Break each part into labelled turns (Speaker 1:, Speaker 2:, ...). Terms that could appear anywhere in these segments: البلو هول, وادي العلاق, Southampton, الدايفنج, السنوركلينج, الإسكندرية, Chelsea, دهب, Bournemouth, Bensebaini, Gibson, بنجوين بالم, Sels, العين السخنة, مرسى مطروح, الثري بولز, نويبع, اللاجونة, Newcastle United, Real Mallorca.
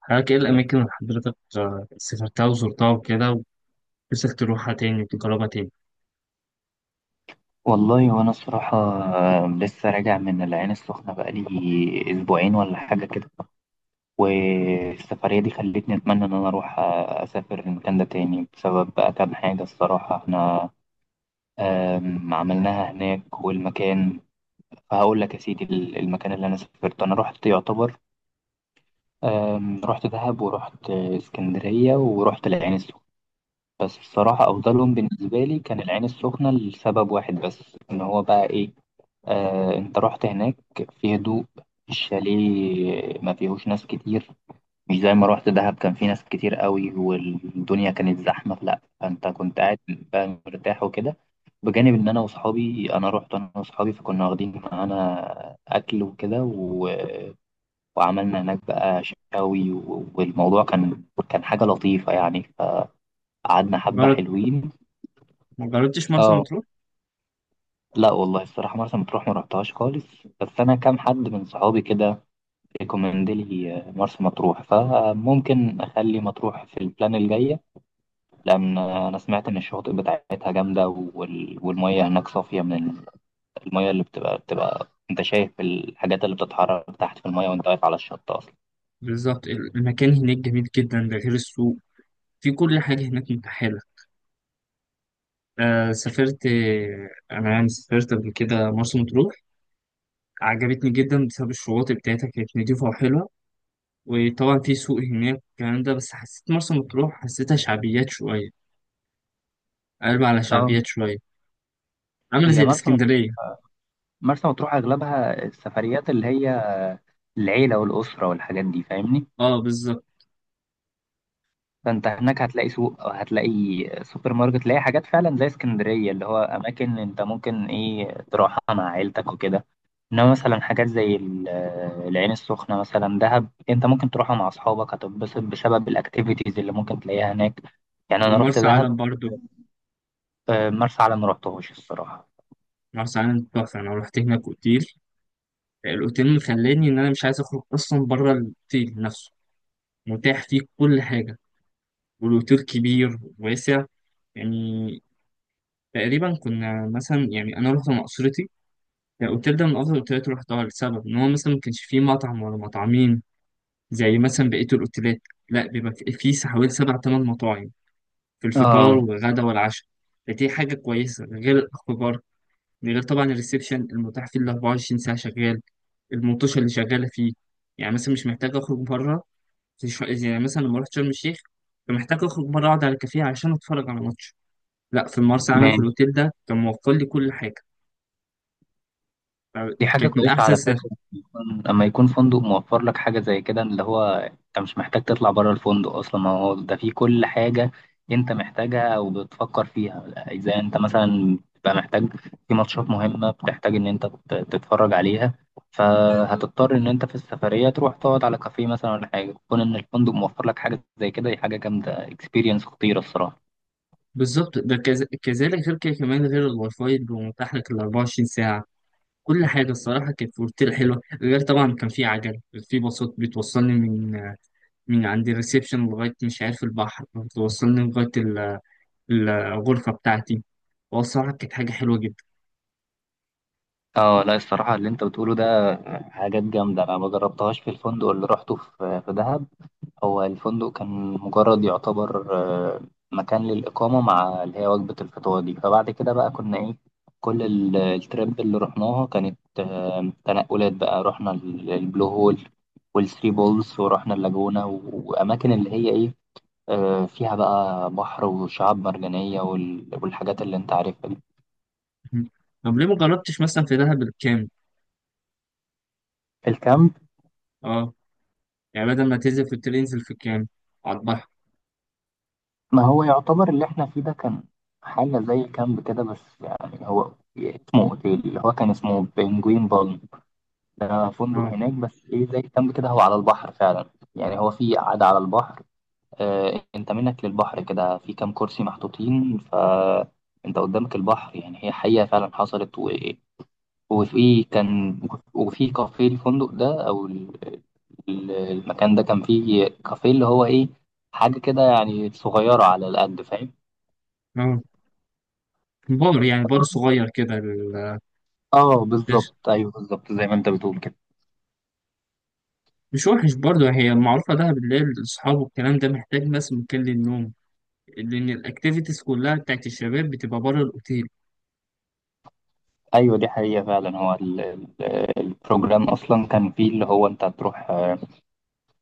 Speaker 1: حضرتك ايه الأماكن اللي حضرتك سافرتها وزرتها وكده ونفسك تروحها تاني وتجربها تاني؟
Speaker 2: والله وانا الصراحة لسه راجع من العين السخنة بقالي اسبوعين ولا حاجة كده. والسفرية دي خلتني اتمنى ان انا اروح اسافر المكان ده تاني بسبب بقى كام حاجة الصراحة. احنا عملناها هناك والمكان، فهقول لك يا سيدي المكان اللي انا سافرته انا رحت يعتبر، رحت دهب ورحت اسكندرية ورحت العين السخنة. بس الصراحة أفضلهم بالنسبة لي كان العين السخنة لسبب واحد بس، إن هو بقى إيه؟ انت رحت هناك في هدوء، الشاليه ما فيهوش ناس كتير، مش زي ما رحت دهب كان في ناس كتير قوي والدنيا كانت زحمة، لا، فانت كنت قاعد بقى مرتاح وكده. بجانب ان انا واصحابي، انا رحت انا واصحابي فكنا واخدين معانا اكل وكده وعملنا هناك بقى شاوي والموضوع كان حاجة لطيفة يعني، فقعدنا حبة
Speaker 1: مجرد
Speaker 2: حلوين.
Speaker 1: ما جربتش مرسى
Speaker 2: اه.
Speaker 1: مطروح؟
Speaker 2: لا والله الصراحة مرسى مطروح ما رحتهاش خالص، بس أنا كام حد من صحابي كده ريكومند لي مرسى مطروح، فممكن اخلي مطروح في البلان الجايه، لان انا سمعت ان الشواطئ بتاعتها جامده والميه هناك صافيه، من الميه اللي بتبقى انت شايف الحاجات اللي بتتحرك تحت في الميه وانت واقف على الشط اصلا.
Speaker 1: بالظبط المكان هناك جميل جدا، ده غير السوق. في كل حاجة هناك متاحة. سافرت، أنا يعني سافرت قبل كده مرسى مطروح. عجبتني جدا بسبب الشواطئ بتاعتها كانت نضيفة وحلوة، وطبعا في سوق هناك الكلام ده. بس حسيت مرسى مطروح حسيتها شعبيات شوية، قلب على
Speaker 2: اه.
Speaker 1: شعبيات شوية، عاملة زي
Speaker 2: هي مرسى
Speaker 1: الإسكندرية.
Speaker 2: مرسى مطروح اغلبها السفريات اللي هي العيله والاسره والحاجات دي، فاهمني؟
Speaker 1: اه بالظبط.
Speaker 2: فانت هناك هتلاقي سوق او هتلاقي سوبر ماركت، تلاقي حاجات فعلا زي اسكندريه، اللي هو اماكن انت ممكن ايه، تروحها مع عيلتك وكده. انما مثلا حاجات زي العين السخنه مثلا، دهب، انت ممكن تروحها مع اصحابك، هتتبسط بسبب الاكتيفيتيز اللي ممكن تلاقيها هناك. يعني انا رحت
Speaker 1: ومرسى
Speaker 2: دهب.
Speaker 1: علم برضو،
Speaker 2: مرسى علم ما رحتهوش الصراحه.
Speaker 1: مرسى علم تحفة. أنا رحت هناك أوتيل، الأوتيل مخلاني إن أنا مش عايز أخرج أصلا بره الأوتيل نفسه، متاح فيه كل حاجة، والأوتيل كبير واسع. يعني تقريبا كنا مثلا، يعني أنا رحت مع أسرتي. الأوتيل ده من أفضل الأوتيلات اللي رحتها، لسبب إن هو مثلا ما كانش فيه مطعم ولا مطعمين زي مثلا بقية الأوتيلات. لا، بيبقى فيه حوالي سبع تمن مطاعم في الفطار
Speaker 2: اه
Speaker 1: والغدا والعشاء. فدي حاجة كويسة غير الأخبار، من غير طبعا الريسبشن المتاح فيه ال 24 ساعة شغال، المنتشر اللي شغالة فيه. يعني مثلا مش محتاج أخرج بره، زي زي يعني مثلا لما رحت شرم الشيخ كان محتاج أخرج بره أقعد على كافيه عشان أتفرج على ماتش. لا، في المرسى علم في الأوتيل ده كان موفر لي كل حاجة،
Speaker 2: دي حاجة
Speaker 1: كانت من
Speaker 2: كويسة
Speaker 1: أحسن
Speaker 2: على
Speaker 1: سفر.
Speaker 2: فكرة، لما يكون فندق موفر لك حاجة زي كده، اللي هو انت مش محتاج تطلع بره الفندق اصلا، ما هو ده فيه كل حاجة انت محتاجها او بتفكر فيها. اذا انت مثلا بتبقى محتاج، في ماتشات مهمة بتحتاج ان انت تتفرج عليها، فهتضطر ان انت في السفرية تروح تقعد على كافيه مثلا ولا حاجة، كون ان الفندق موفر لك حاجة زي كده، دي حاجة جامدة، اكسبيرينس خطيرة الصراحة.
Speaker 1: بالظبط، ده كذلك غير كده، كمان غير الواي فاي اللي هو متاح لك ال 24 ساعة. كل حاجة الصراحة كانت في أوتيل حلوة، غير طبعا كان في عجل، في باصات بتوصلني من عند الريسبشن لغاية مش عارف البحر، بتوصلني لغاية الغرفة بتاعتي. والصراحة كانت حاجة حلوة جدا.
Speaker 2: اه لا، الصراحة اللي انت بتقوله ده حاجات جامدة انا ما جربتهاش في الفندق اللي روحته في دهب. هو الفندق كان مجرد يعتبر آه، مكان للإقامة مع اللي هي وجبة الفطار دي، فبعد كده بقى كنا إيه، كل التريب اللي رحناها كانت تنقلات بقى، رحنا البلو هول والثري بولز، ورحنا اللاجونة وأماكن اللي هي إيه، فيها بقى بحر وشعاب مرجانية والحاجات اللي أنت عارفها دي.
Speaker 1: طب ليه ما جربتش مثلا في دهب الكامب؟
Speaker 2: الكامب؟
Speaker 1: اه، يعني بدل ما تنزل في التل انزل في الكامب على البحر.
Speaker 2: ما هو يعتبر اللي إحنا فيه ده كان حاجة زي الكامب كده، بس يعني هو اسمه أوتيل، اللي هو كان اسمه بنجوين بالم، ده فندق
Speaker 1: اه،
Speaker 2: هناك بس ايه، زي كامب كده، هو على البحر فعلا. يعني هو في قعدة على البحر، آه، انت منك للبحر كده في كام كرسي محطوطين، فانت قدامك البحر، يعني هي حقيقة فعلا حصلت وفي كان، وفي كافيه الفندق ده او المكان ده، كان فيه كافيه اللي هو ايه، حاجة كده يعني صغيرة على القد، فاهم؟
Speaker 1: اه. بار يعني، بار صغير كده
Speaker 2: اه
Speaker 1: مش
Speaker 2: بالظبط، ايوه بالظبط زي ما انت بتقول كده.
Speaker 1: مش وحش برضه. هي معروفة دهب اللي هي الأصحاب والكلام ده، محتاج بس مكان للنوم، لأن الأكتيفيتيز كلها بتاعت الشباب بتبقى بره الأوتيل.
Speaker 2: ايوه دي حقيقة فعلا، هو البروجرام اصلا كان فيه اللي هو انت هتروح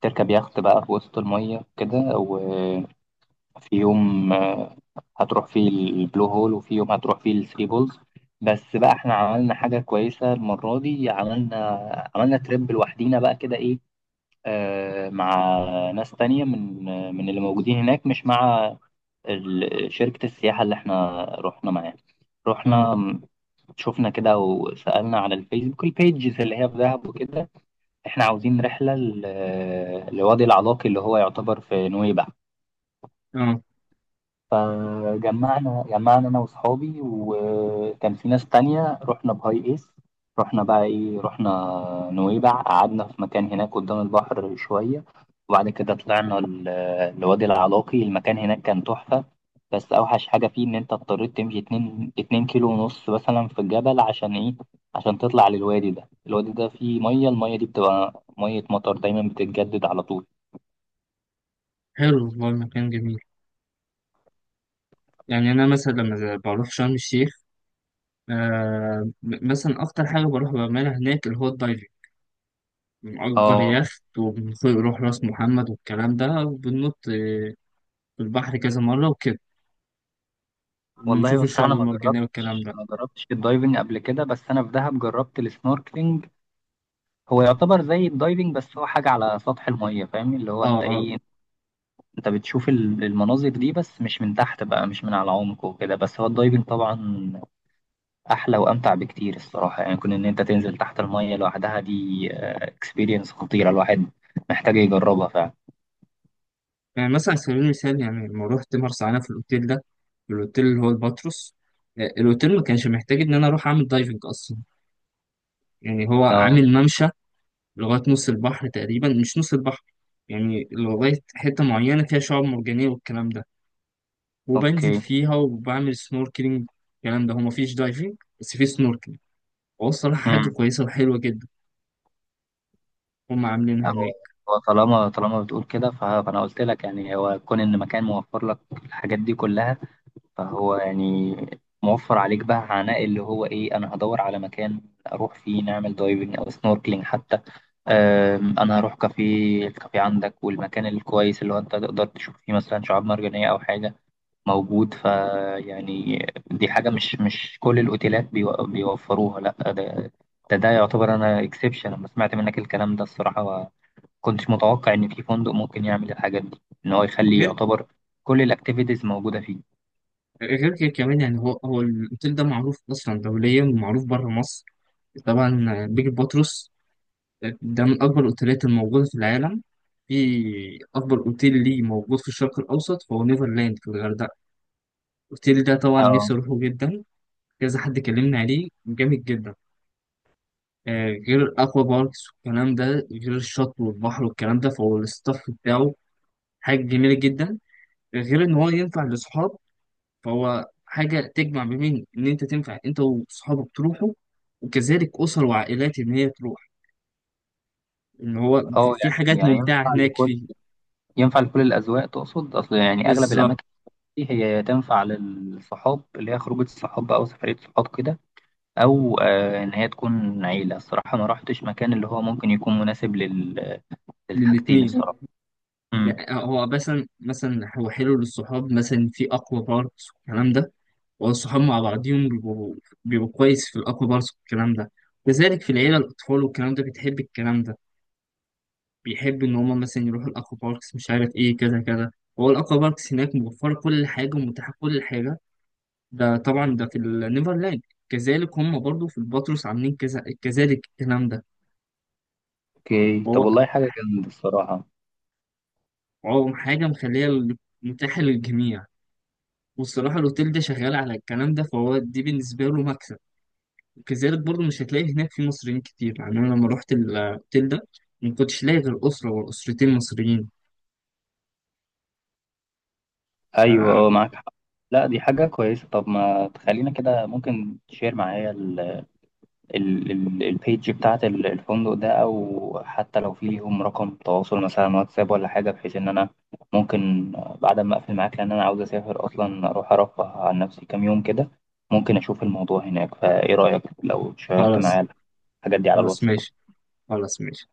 Speaker 2: تركب يخت بقى في وسط المية كده، وفي يوم هتروح فيه البلو هول، وفي يوم هتروح فيه الثري بولز. بس بقى احنا عملنا حاجة كويسة المرة دي، عملنا تريب لوحدينا بقى كده، ايه، مع ناس تانية من اللي موجودين هناك، مش مع شركة السياحة اللي احنا رحنا معاها.
Speaker 1: اه،
Speaker 2: رحنا شفنا كده وسألنا على الفيسبوك البيجز اللي هي في دهب وكده، احنا عاوزين رحلة لوادي العلاق اللي هو يعتبر في نويبع.
Speaker 1: اه.
Speaker 2: فجمعنا انا واصحابي، وكان في ناس تانية، رحنا بهاي ايس، رحنا بقى ايه، رحنا نويبع، قعدنا في مكان هناك قدام البحر شوية، وبعد كده طلعنا لوادي العلاقي، المكان هناك كان تحفة. بس اوحش حاجة فيه ان انت اضطريت تمشي اتنين كيلو ونص مثلا في الجبل عشان ايه، عشان تطلع للوادي ده، الوادي ده فيه مية، المية دي بتبقى مية مطر دايما، بتتجدد على طول.
Speaker 1: حلو، والله المكان جميل. يعني أنا مثلا لما بروح شرم الشيخ، مثلا أكتر حاجة بروح بعملها هناك اللي هو الدايفنج. بنأجر
Speaker 2: اه.
Speaker 1: يخت وبنروح راس محمد والكلام ده، وبننط في البحر كذا مرة وكده،
Speaker 2: والله
Speaker 1: وبنشوف
Speaker 2: بصراحة
Speaker 1: الشعب
Speaker 2: أنا ما
Speaker 1: المرجانية والكلام
Speaker 2: جربتش
Speaker 1: ده.
Speaker 2: ما جربتش الدايفنج قبل كده، بس أنا في دهب جربت السنوركلينج، هو يعتبر زي الدايفنج بس هو حاجة على سطح المية، فاهم؟ اللي هو
Speaker 1: اه،
Speaker 2: أنت
Speaker 1: اه.
Speaker 2: إيه، أنت بتشوف المناظر دي بس مش من تحت بقى، مش من على عمق وكده، بس هو الدايفنج طبعا أحلى وأمتع بكتير الصراحة، يعني كون إن أنت تنزل تحت المية لوحدها دي اكسبيرينس خطيرة، الواحد محتاج يجربها فعلا.
Speaker 1: يعني مثلا على سبيل المثال، يعني لما روحت مرسى علم في الأوتيل ده، الأوتيل اللي هو الباتروس، الأوتيل ما كانش محتاج إن أنا أروح أعمل دايفنج أصلا. يعني هو
Speaker 2: أه.
Speaker 1: عامل ممشى لغاية نص البحر تقريبا، مش نص البحر، يعني لغاية حتة معينة فيها شعاب مرجانية والكلام ده، وبنزل
Speaker 2: أوكي.
Speaker 1: فيها وبعمل سنوركلينج الكلام ده. هو مفيش دايفنج بس في سنوركلينج. هو الصراحة حاجة كويسة وحلوة جدا، هم
Speaker 2: لا،
Speaker 1: عاملينها
Speaker 2: هو
Speaker 1: هناك.
Speaker 2: هو طالما طالما بتقول كده، فانا قلت لك يعني، هو كون ان مكان موفر لك الحاجات دي كلها، فهو يعني موفر عليك بقى عناء اللي هو ايه، انا هدور على مكان اروح فيه نعمل دايفنج او سنوركلينج حتى. انا هروح كافيه، الكافيه عندك والمكان الكويس اللي هو انت تقدر تشوف فيه مثلا شعاب مرجانية او حاجة موجود، ف يعني دي حاجة مش كل الاوتيلات بيوفروها، لا ده، ده يعتبر انا اكسبشن، لما سمعت منك الكلام ده الصراحة كنتش متوقع إن في فندق ممكن يعمل الحاجات دي، إن هو يخلي
Speaker 1: غير،
Speaker 2: يعتبر كل الأكتيفيتيز موجودة فيه.
Speaker 1: غير كده كمان، يعني هو الأوتيل ده معروف أصلا دوليا ومعروف بره مصر. طبعا بيج باتروس ده من أكبر الأوتيلات الموجودة في العالم. في أكبر أوتيل ليه موجود في الشرق الأوسط، فهو نيفرلاند في الغردقة. الأوتيل ده طبعا
Speaker 2: اه
Speaker 1: نفسي أروحه جدا، كذا حد كلمني عليه جامد جدا. غير الأكوا باركس والكلام ده، غير الشط والبحر والكلام ده، فهو الستاف بتاعه حاجة جميلة جدا. غير إن هو ينفع لأصحاب، فهو حاجة تجمع ما بين إن أنت تنفع أنت وصحابك تروحوا، وكذلك أسر وعائلات إن هي تروح، إن هو في
Speaker 2: اه.
Speaker 1: في
Speaker 2: يعني
Speaker 1: حاجات
Speaker 2: يعني
Speaker 1: ممتعة
Speaker 2: ينفع
Speaker 1: هناك
Speaker 2: لكل
Speaker 1: فيه.
Speaker 2: ينفع لكل الأذواق، تقصد؟ أصل يعني أغلب
Speaker 1: بالظبط،
Speaker 2: الأماكن دي هي تنفع للصحاب، اللي هي خروجة صحاب أو سفرية صحاب كده، أو آه إن هي تكون عيلة، الصراحة ما رحتش مكان اللي هو ممكن يكون مناسب للحاجتين
Speaker 1: للاتنين.
Speaker 2: الصراحة. امم
Speaker 1: يعني هو مثلا، مثلا هو حلو للصحاب، مثلا في أقوى باركس والكلام ده، والصحاب مع بعضهم بيبقوا كويس في الأقوى باركس والكلام ده. كذلك في العيلة، الأطفال والكلام ده بتحب الكلام ده، بيحب إن هما مثلا يروحوا الأقوى باركس، مش عارف إيه كذا كذا. هو الأقوى باركس هناك موفرة كل حاجة ومتاحة كل حاجة، ده طبعا ده في النيفرلاند. كذلك هم برضو في البطرس عاملين كذا، كذلك الكلام ده.
Speaker 2: اوكي طب،
Speaker 1: وهو،
Speaker 2: والله حاجة جامدة الصراحة.
Speaker 1: هو حاجة مخلية متاحة للجميع. والصراحة الأوتيل ده شغال على الكلام ده، فهو دي بالنسبة له مكسب. وكذلك برضو مش هتلاقي هناك في مصريين كتير، يعني أنا لما روحت الأوتيل ده ما كنتش لاقي غير أسرة وأسرتين مصريين.
Speaker 2: أيوة
Speaker 1: آه.
Speaker 2: اه معاك حق. لا دي حاجة كويسة، طب ما تخلينا كده ممكن تشير معايا البيج بتاعت الفندق ده، او حتى لو في ليهم رقم تواصل مثلا واتساب ولا حاجه، بحيث ان انا ممكن بعد ما اقفل معاك، لان انا عاوز اسافر اصلا، اروح ارفه عن نفسي كام يوم كده، ممكن اشوف الموضوع هناك، فايه رايك لو شيرت
Speaker 1: خلاص.
Speaker 2: معايا الحاجات دي على
Speaker 1: خلاص
Speaker 2: الواتساب؟
Speaker 1: ماشي. خلاص ماشي.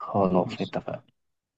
Speaker 2: خلاص
Speaker 1: ماشي.
Speaker 2: اتفقنا.